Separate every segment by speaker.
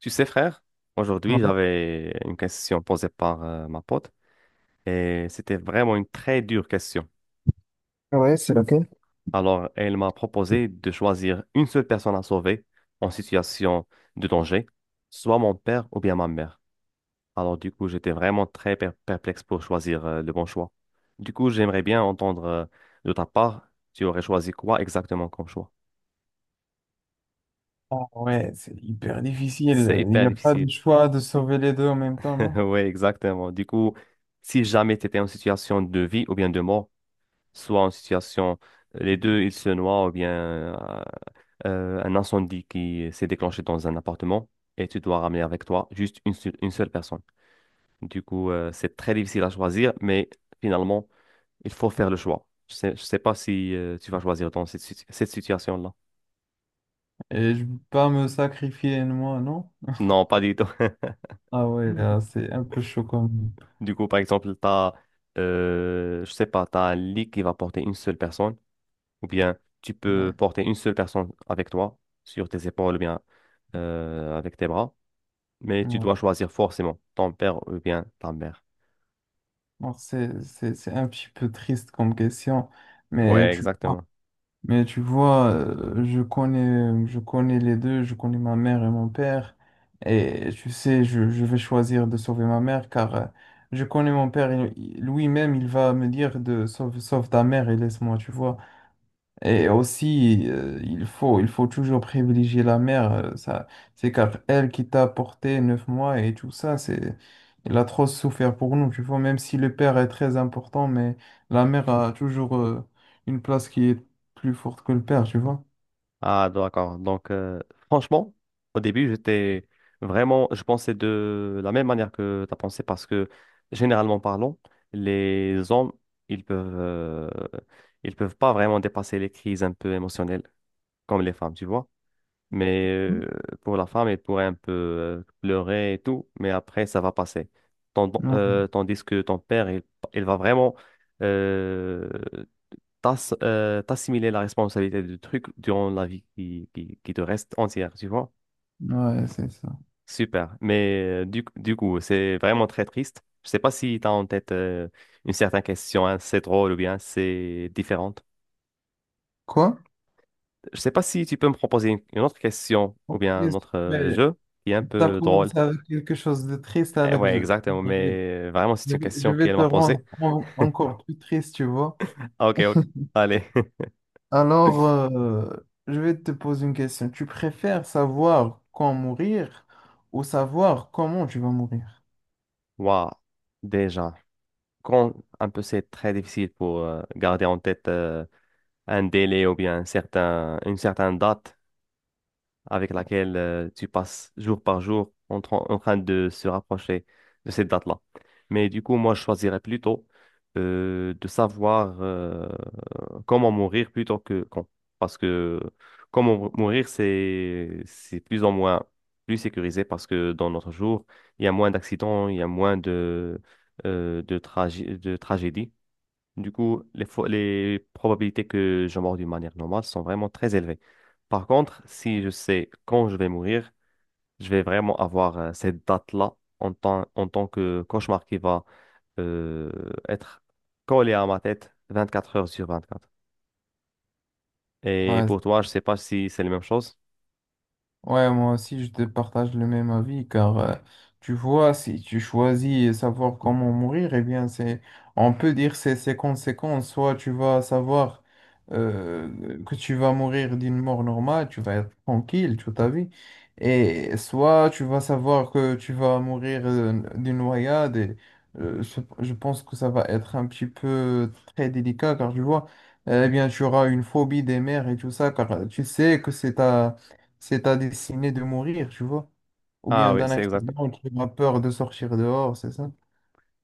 Speaker 1: Tu sais, frère, aujourd'hui, j'avais une question posée par ma pote et c'était vraiment une très dure question.
Speaker 2: Ouais, c'est laquelle?
Speaker 1: Alors, elle m'a proposé de choisir une seule personne à sauver en situation de danger, soit mon père ou bien ma mère. Alors, du coup, j'étais vraiment très perplexe pour choisir le bon choix. Du coup, j'aimerais bien entendre de ta part, tu aurais choisi quoi exactement comme choix?
Speaker 2: Ah ouais, c'est hyper
Speaker 1: C'est
Speaker 2: difficile. Il
Speaker 1: hyper
Speaker 2: n'y a pas de
Speaker 1: difficile.
Speaker 2: choix de sauver les deux en même temps, non?
Speaker 1: Oui, exactement. Du coup, si jamais tu étais en situation de vie ou bien de mort, soit en situation, les deux, ils se noient ou bien euh, un incendie qui s'est déclenché dans un appartement et tu dois ramener avec toi juste une seule personne. Du coup, c'est très difficile à choisir, mais finalement, il faut faire le choix. Je sais pas si tu vas choisir dans cette situation-là.
Speaker 2: Et je ne peux pas me sacrifier, moi, non?
Speaker 1: Non, pas du tout.
Speaker 2: Ah ouais, là, c'est un peu chaud comme.
Speaker 1: Du coup, par exemple, je sais pas, t'as un lit qui va porter une seule personne, ou bien tu peux
Speaker 2: Ouais,
Speaker 1: porter une seule personne avec toi sur tes épaules, ou bien avec tes bras. Mais tu
Speaker 2: ouais.
Speaker 1: dois choisir forcément ton père ou bien ta mère.
Speaker 2: Alors, c'est un petit peu triste comme question, mais
Speaker 1: Ouais,
Speaker 2: tu...
Speaker 1: exactement.
Speaker 2: Mais tu vois, je connais les deux, je connais ma mère et mon père. Et tu sais, je vais choisir de sauver ma mère car je connais mon père. Et lui-même, il va me dire de sauve ta mère et laisse-moi, tu vois. Et aussi, il faut toujours privilégier la mère. Ça, c'est car elle qui t'a porté 9 mois et tout ça, c'est, elle a trop souffert pour nous, tu vois. Même si le père est très important, mais la mère a toujours, une place qui est plus forte que le père, tu vois.
Speaker 1: Ah, d'accord. Donc, franchement, au début, j'étais vraiment, je pensais de la même manière que tu as pensé parce que, généralement parlant, les hommes, ils peuvent, euh, ils peuvent pas vraiment dépasser les crises un peu émotionnelles comme les femmes, tu vois. Mais pour la femme, elle pourrait un peu pleurer et tout, mais après, ça va passer.
Speaker 2: Ouais,
Speaker 1: Tandis que ton père, il va vraiment, euh, t'assimiler la responsabilité du truc durant la vie qui te reste entière, tu vois?
Speaker 2: ouais, c'est ça.
Speaker 1: Super. Mais du coup, c'est vraiment très triste. Je sais pas si tu as en tête une certaine question, hein, c'est drôle ou bien c'est différente.
Speaker 2: Quoi?
Speaker 1: Je sais pas si tu peux me proposer une autre question ou bien
Speaker 2: Bien
Speaker 1: un
Speaker 2: sûr,
Speaker 1: autre
Speaker 2: mais
Speaker 1: jeu qui est un
Speaker 2: t'as
Speaker 1: peu drôle.
Speaker 2: commencé avec quelque chose de triste,
Speaker 1: Eh
Speaker 2: alors que
Speaker 1: ouais,
Speaker 2: je,
Speaker 1: exactement.
Speaker 2: je vais,
Speaker 1: Mais vraiment, c'est
Speaker 2: je
Speaker 1: une
Speaker 2: vais- je
Speaker 1: question
Speaker 2: vais
Speaker 1: qu'elle
Speaker 2: te
Speaker 1: m'a
Speaker 2: rendre
Speaker 1: posée.
Speaker 2: encore plus triste, tu vois.
Speaker 1: Ok, ok. Allez.
Speaker 2: Alors, je vais te poser une question. Tu préfères savoir quand mourir ou savoir comment tu vas mourir?
Speaker 1: Waouh. Déjà, quand un peu c'est très difficile pour garder en tête un délai ou bien une certaine date avec laquelle tu passes jour par jour en train de se rapprocher de cette date-là. Mais du coup, moi, je choisirais plutôt de savoir comment mourir plutôt que quand. Parce que mourir, c'est plus ou moins plus sécurisé parce que dans notre jour, il y a moins d'accidents, il y a moins de tragédies. Du coup, les probabilités que je meure d'une manière normale sont vraiment très élevées. Par contre, si je sais quand je vais mourir, je vais vraiment avoir cette date-là en tant que cauchemar qui va euh, être collé à ma tête 24 heures sur 24. Et
Speaker 2: Ouais,
Speaker 1: pour toi, je sais pas si c'est la même chose.
Speaker 2: Ouais, moi aussi, je te partage le même avis, car tu vois, si tu choisis savoir comment mourir, eh bien, c'est, on peut dire c'est ses conséquences. Soit tu vas savoir que tu vas mourir d'une mort normale, tu vas être tranquille toute ta vie, et soit tu vas savoir que tu vas mourir d'une noyade. Et, je pense que ça va être un petit peu très délicat, car tu vois, eh bien, tu auras une phobie des mers et tout ça, car tu sais que c'est ta destinée de mourir, tu vois. Ou
Speaker 1: Ah
Speaker 2: bien
Speaker 1: oui,
Speaker 2: d'un
Speaker 1: c'est exact.
Speaker 2: accident, tu as peur de sortir dehors, c'est ça?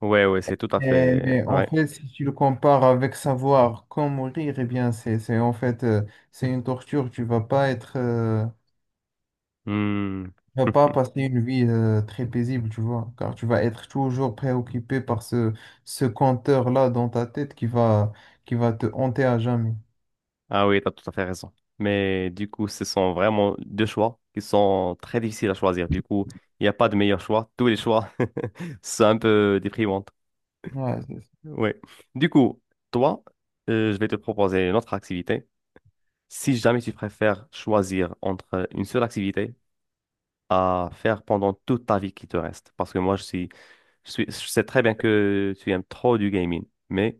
Speaker 1: Ouais, ouais, c'est tout à
Speaker 2: Mais,
Speaker 1: fait
Speaker 2: mais en
Speaker 1: vrai.
Speaker 2: fait, si tu le compares avec savoir quand mourir, eh bien, c'est en fait, c'est une torture. Tu vas pas être,
Speaker 1: Hmm.
Speaker 2: tu vas pas passer une vie, très paisible, tu vois, car tu vas être toujours préoccupé par ce, ce compteur-là dans ta tête qui va te hanter à jamais.
Speaker 1: Ah oui, t'as tout à fait raison. Mais du coup, ce sont vraiment deux choix qui sont très difficiles à choisir. Du coup, il n'y a pas de meilleur choix. Tous les choix sont un peu déprimants.
Speaker 2: Ouais, c'est ça.
Speaker 1: Oui. Du coup, toi, je vais te proposer une autre activité. Si jamais tu préfères choisir entre une seule activité à faire pendant toute ta vie qui te reste. Parce que je suis, je sais très bien que tu aimes trop du gaming. Mais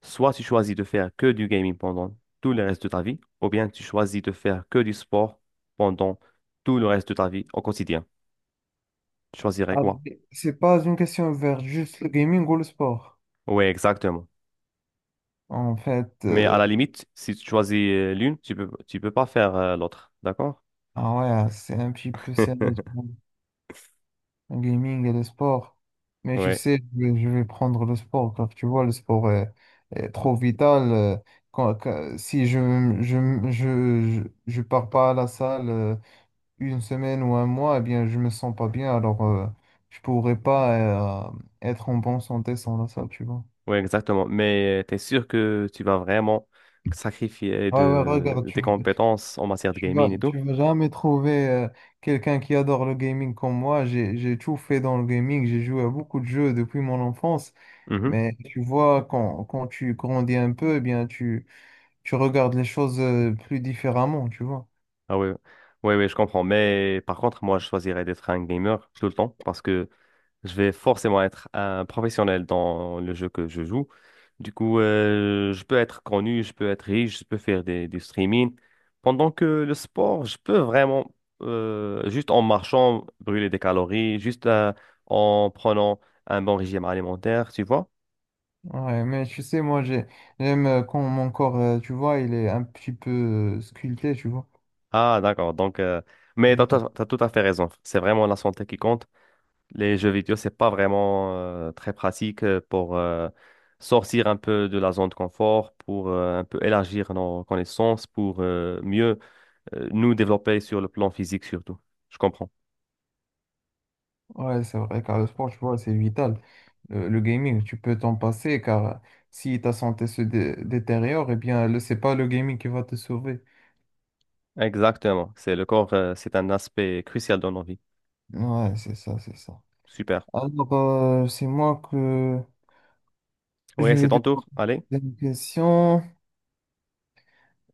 Speaker 1: soit tu choisis de faire que du gaming pendant tout le reste de ta vie, ou bien tu choisis de faire que du sport pendant tout le reste de ta vie au quotidien. Tu choisirais
Speaker 2: Ah,
Speaker 1: quoi?
Speaker 2: mais c'est pas une question vers juste le gaming ou le sport.
Speaker 1: Oui, exactement.
Speaker 2: En fait,
Speaker 1: Mais à la limite, si tu choisis l'une, tu peux pas faire l'autre, d'accord?
Speaker 2: ah ouais, ah, c'est un petit peu sérieux, pour le gaming et le sport. Mais tu
Speaker 1: Ouais,
Speaker 2: sais, je vais prendre le sport, car tu vois, est trop vital. Si je, je, je, je pars pas à la salle une semaine ou un mois, eh bien, je me sens pas bien, alors je pourrais pas être en bonne santé sans la salle, tu vois.
Speaker 1: ouais, exactement. Mais tu es sûr que tu vas vraiment sacrifier
Speaker 2: Ouais, ouais, regarde,
Speaker 1: de
Speaker 2: tu...
Speaker 1: tes compétences en matière de gaming et tout?
Speaker 2: Tu vas jamais trouver quelqu'un qui adore le gaming comme moi. J'ai tout fait dans le gaming. J'ai joué à beaucoup de jeux depuis mon enfance.
Speaker 1: Mhm.
Speaker 2: Mais tu vois, quand tu grandis un peu, eh bien, tu regardes les choses plus différemment, tu vois.
Speaker 1: Ah oui, ouais, je comprends. Mais par contre, moi, je choisirais d'être un gamer tout le temps parce que je vais forcément être un professionnel dans le jeu que je joue. Du coup, je peux être connu, je peux être riche, je peux faire du streaming. Pendant que le sport, je peux vraiment, juste en marchant, brûler des calories, juste en prenant un bon régime alimentaire, tu vois?
Speaker 2: Ouais, mais tu sais, moi, j'ai, j'aime quand mon corps, tu vois, il est un petit peu sculpté, tu vois.
Speaker 1: Ah, d'accord. Donc, mais t'as tout à fait raison. C'est vraiment la santé qui compte. Les jeux vidéo, c'est pas vraiment très pratique pour sortir un peu de la zone de confort, pour un peu élargir nos connaissances, pour mieux nous développer sur le plan physique surtout. Je comprends.
Speaker 2: Ouais, c'est vrai, car le sport, tu vois, c'est vital. Le gaming, tu peux t'en passer, car si ta santé se détériore, eh bien, c'est pas le gaming qui va te sauver.
Speaker 1: Exactement. C'est le corps, c'est un aspect crucial dans nos vies.
Speaker 2: Ouais, c'est ça, c'est ça.
Speaker 1: Super.
Speaker 2: Alors, c'est moi que
Speaker 1: Oui,
Speaker 2: je
Speaker 1: c'est
Speaker 2: vais te
Speaker 1: ton tour.
Speaker 2: poser
Speaker 1: Allez.
Speaker 2: une question.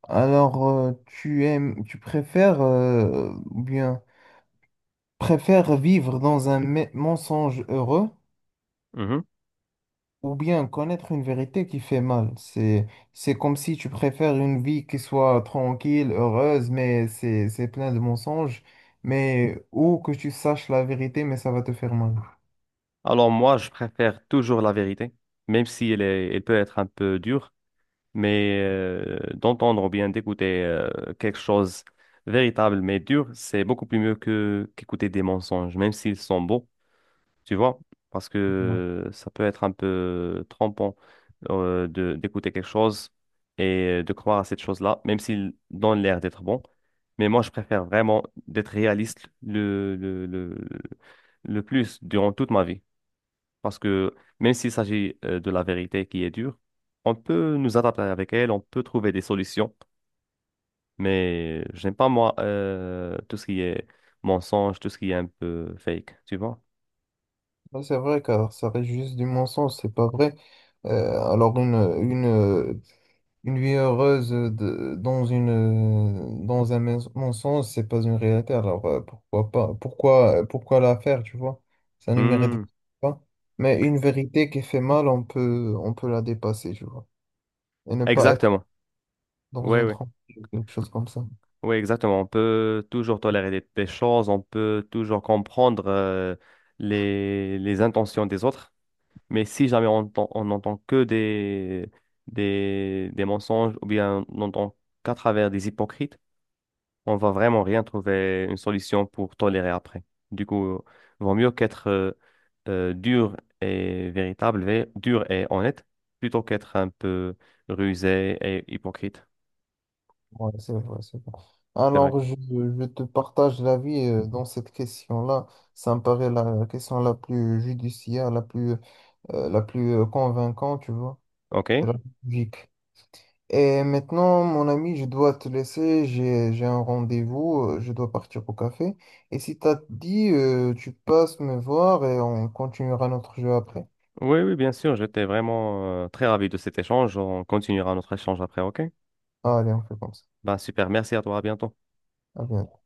Speaker 2: Alors, tu aimes, tu préfères, ou bien, préfères vivre dans un mensonge heureux,
Speaker 1: Mhm.
Speaker 2: ou bien connaître une vérité qui fait mal. C'est comme si tu préfères une vie qui soit tranquille, heureuse, mais c'est plein de mensonges. Mais, ou que tu saches la vérité, mais ça va te faire mal.
Speaker 1: Alors moi, je préfère toujours la vérité, même si elle peut être un peu dure. Mais d'entendre ou bien d'écouter quelque chose véritable mais dur, c'est beaucoup plus mieux que qu'écouter des mensonges, même s'ils sont beaux, tu vois, parce
Speaker 2: Non.
Speaker 1: que ça peut être un peu trompant de d'écouter quelque chose et de croire à cette chose-là, même s'il donne l'air d'être bon. Mais moi, je préfère vraiment d'être réaliste le plus durant toute ma vie. Parce que même s'il s'agit de la vérité qui est dure, on peut nous adapter avec elle, on peut trouver des solutions. Mais j'aime pas, moi, tout ce qui est mensonge, tout ce qui est un peu fake, tu vois?
Speaker 2: Ouais, c'est vrai, car ça reste juste du mensonge, c'est pas vrai. Alors, une... Une vie heureuse dans une, dans un mensonge, c'est pas une réalité. Alors pourquoi pas? Pourquoi la faire, tu vois? Ça ne mérite
Speaker 1: Hmm,
Speaker 2: pas. Mais une vérité qui fait mal, on peut la dépasser, tu vois. Et ne pas être
Speaker 1: exactement.
Speaker 2: dans
Speaker 1: Oui,
Speaker 2: une
Speaker 1: oui.
Speaker 2: trompe, quelque chose comme ça.
Speaker 1: Oui, exactement. On peut toujours tolérer des choses, on peut toujours comprendre les intentions des autres, mais si jamais on n'entend que des mensonges ou bien on n'entend qu'à travers des hypocrites, on va vraiment rien trouver une solution pour tolérer après. Du coup, vaut mieux qu'être dur et dur et honnête, plutôt qu'être un peu rusé et hypocrite.
Speaker 2: Ouais, c'est vrai, c'est vrai.
Speaker 1: C'est vrai.
Speaker 2: Alors, je te partage l'avis dans cette question-là. Ça me paraît la question la plus judiciaire, la plus convaincante, tu vois. C'est
Speaker 1: OK?
Speaker 2: la plus logique. Et maintenant, mon ami, je dois te laisser. J'ai un rendez-vous. Euh, je dois partir au café. Et si t'as dit, tu passes me voir et on continuera notre jeu après.
Speaker 1: Oui, oui, bien sûr, j'étais vraiment très ravi de cet échange. On continuera notre échange après, ok?
Speaker 2: Allez, on fait comme ça.
Speaker 1: Bah super, merci à toi, à bientôt.
Speaker 2: À bientôt.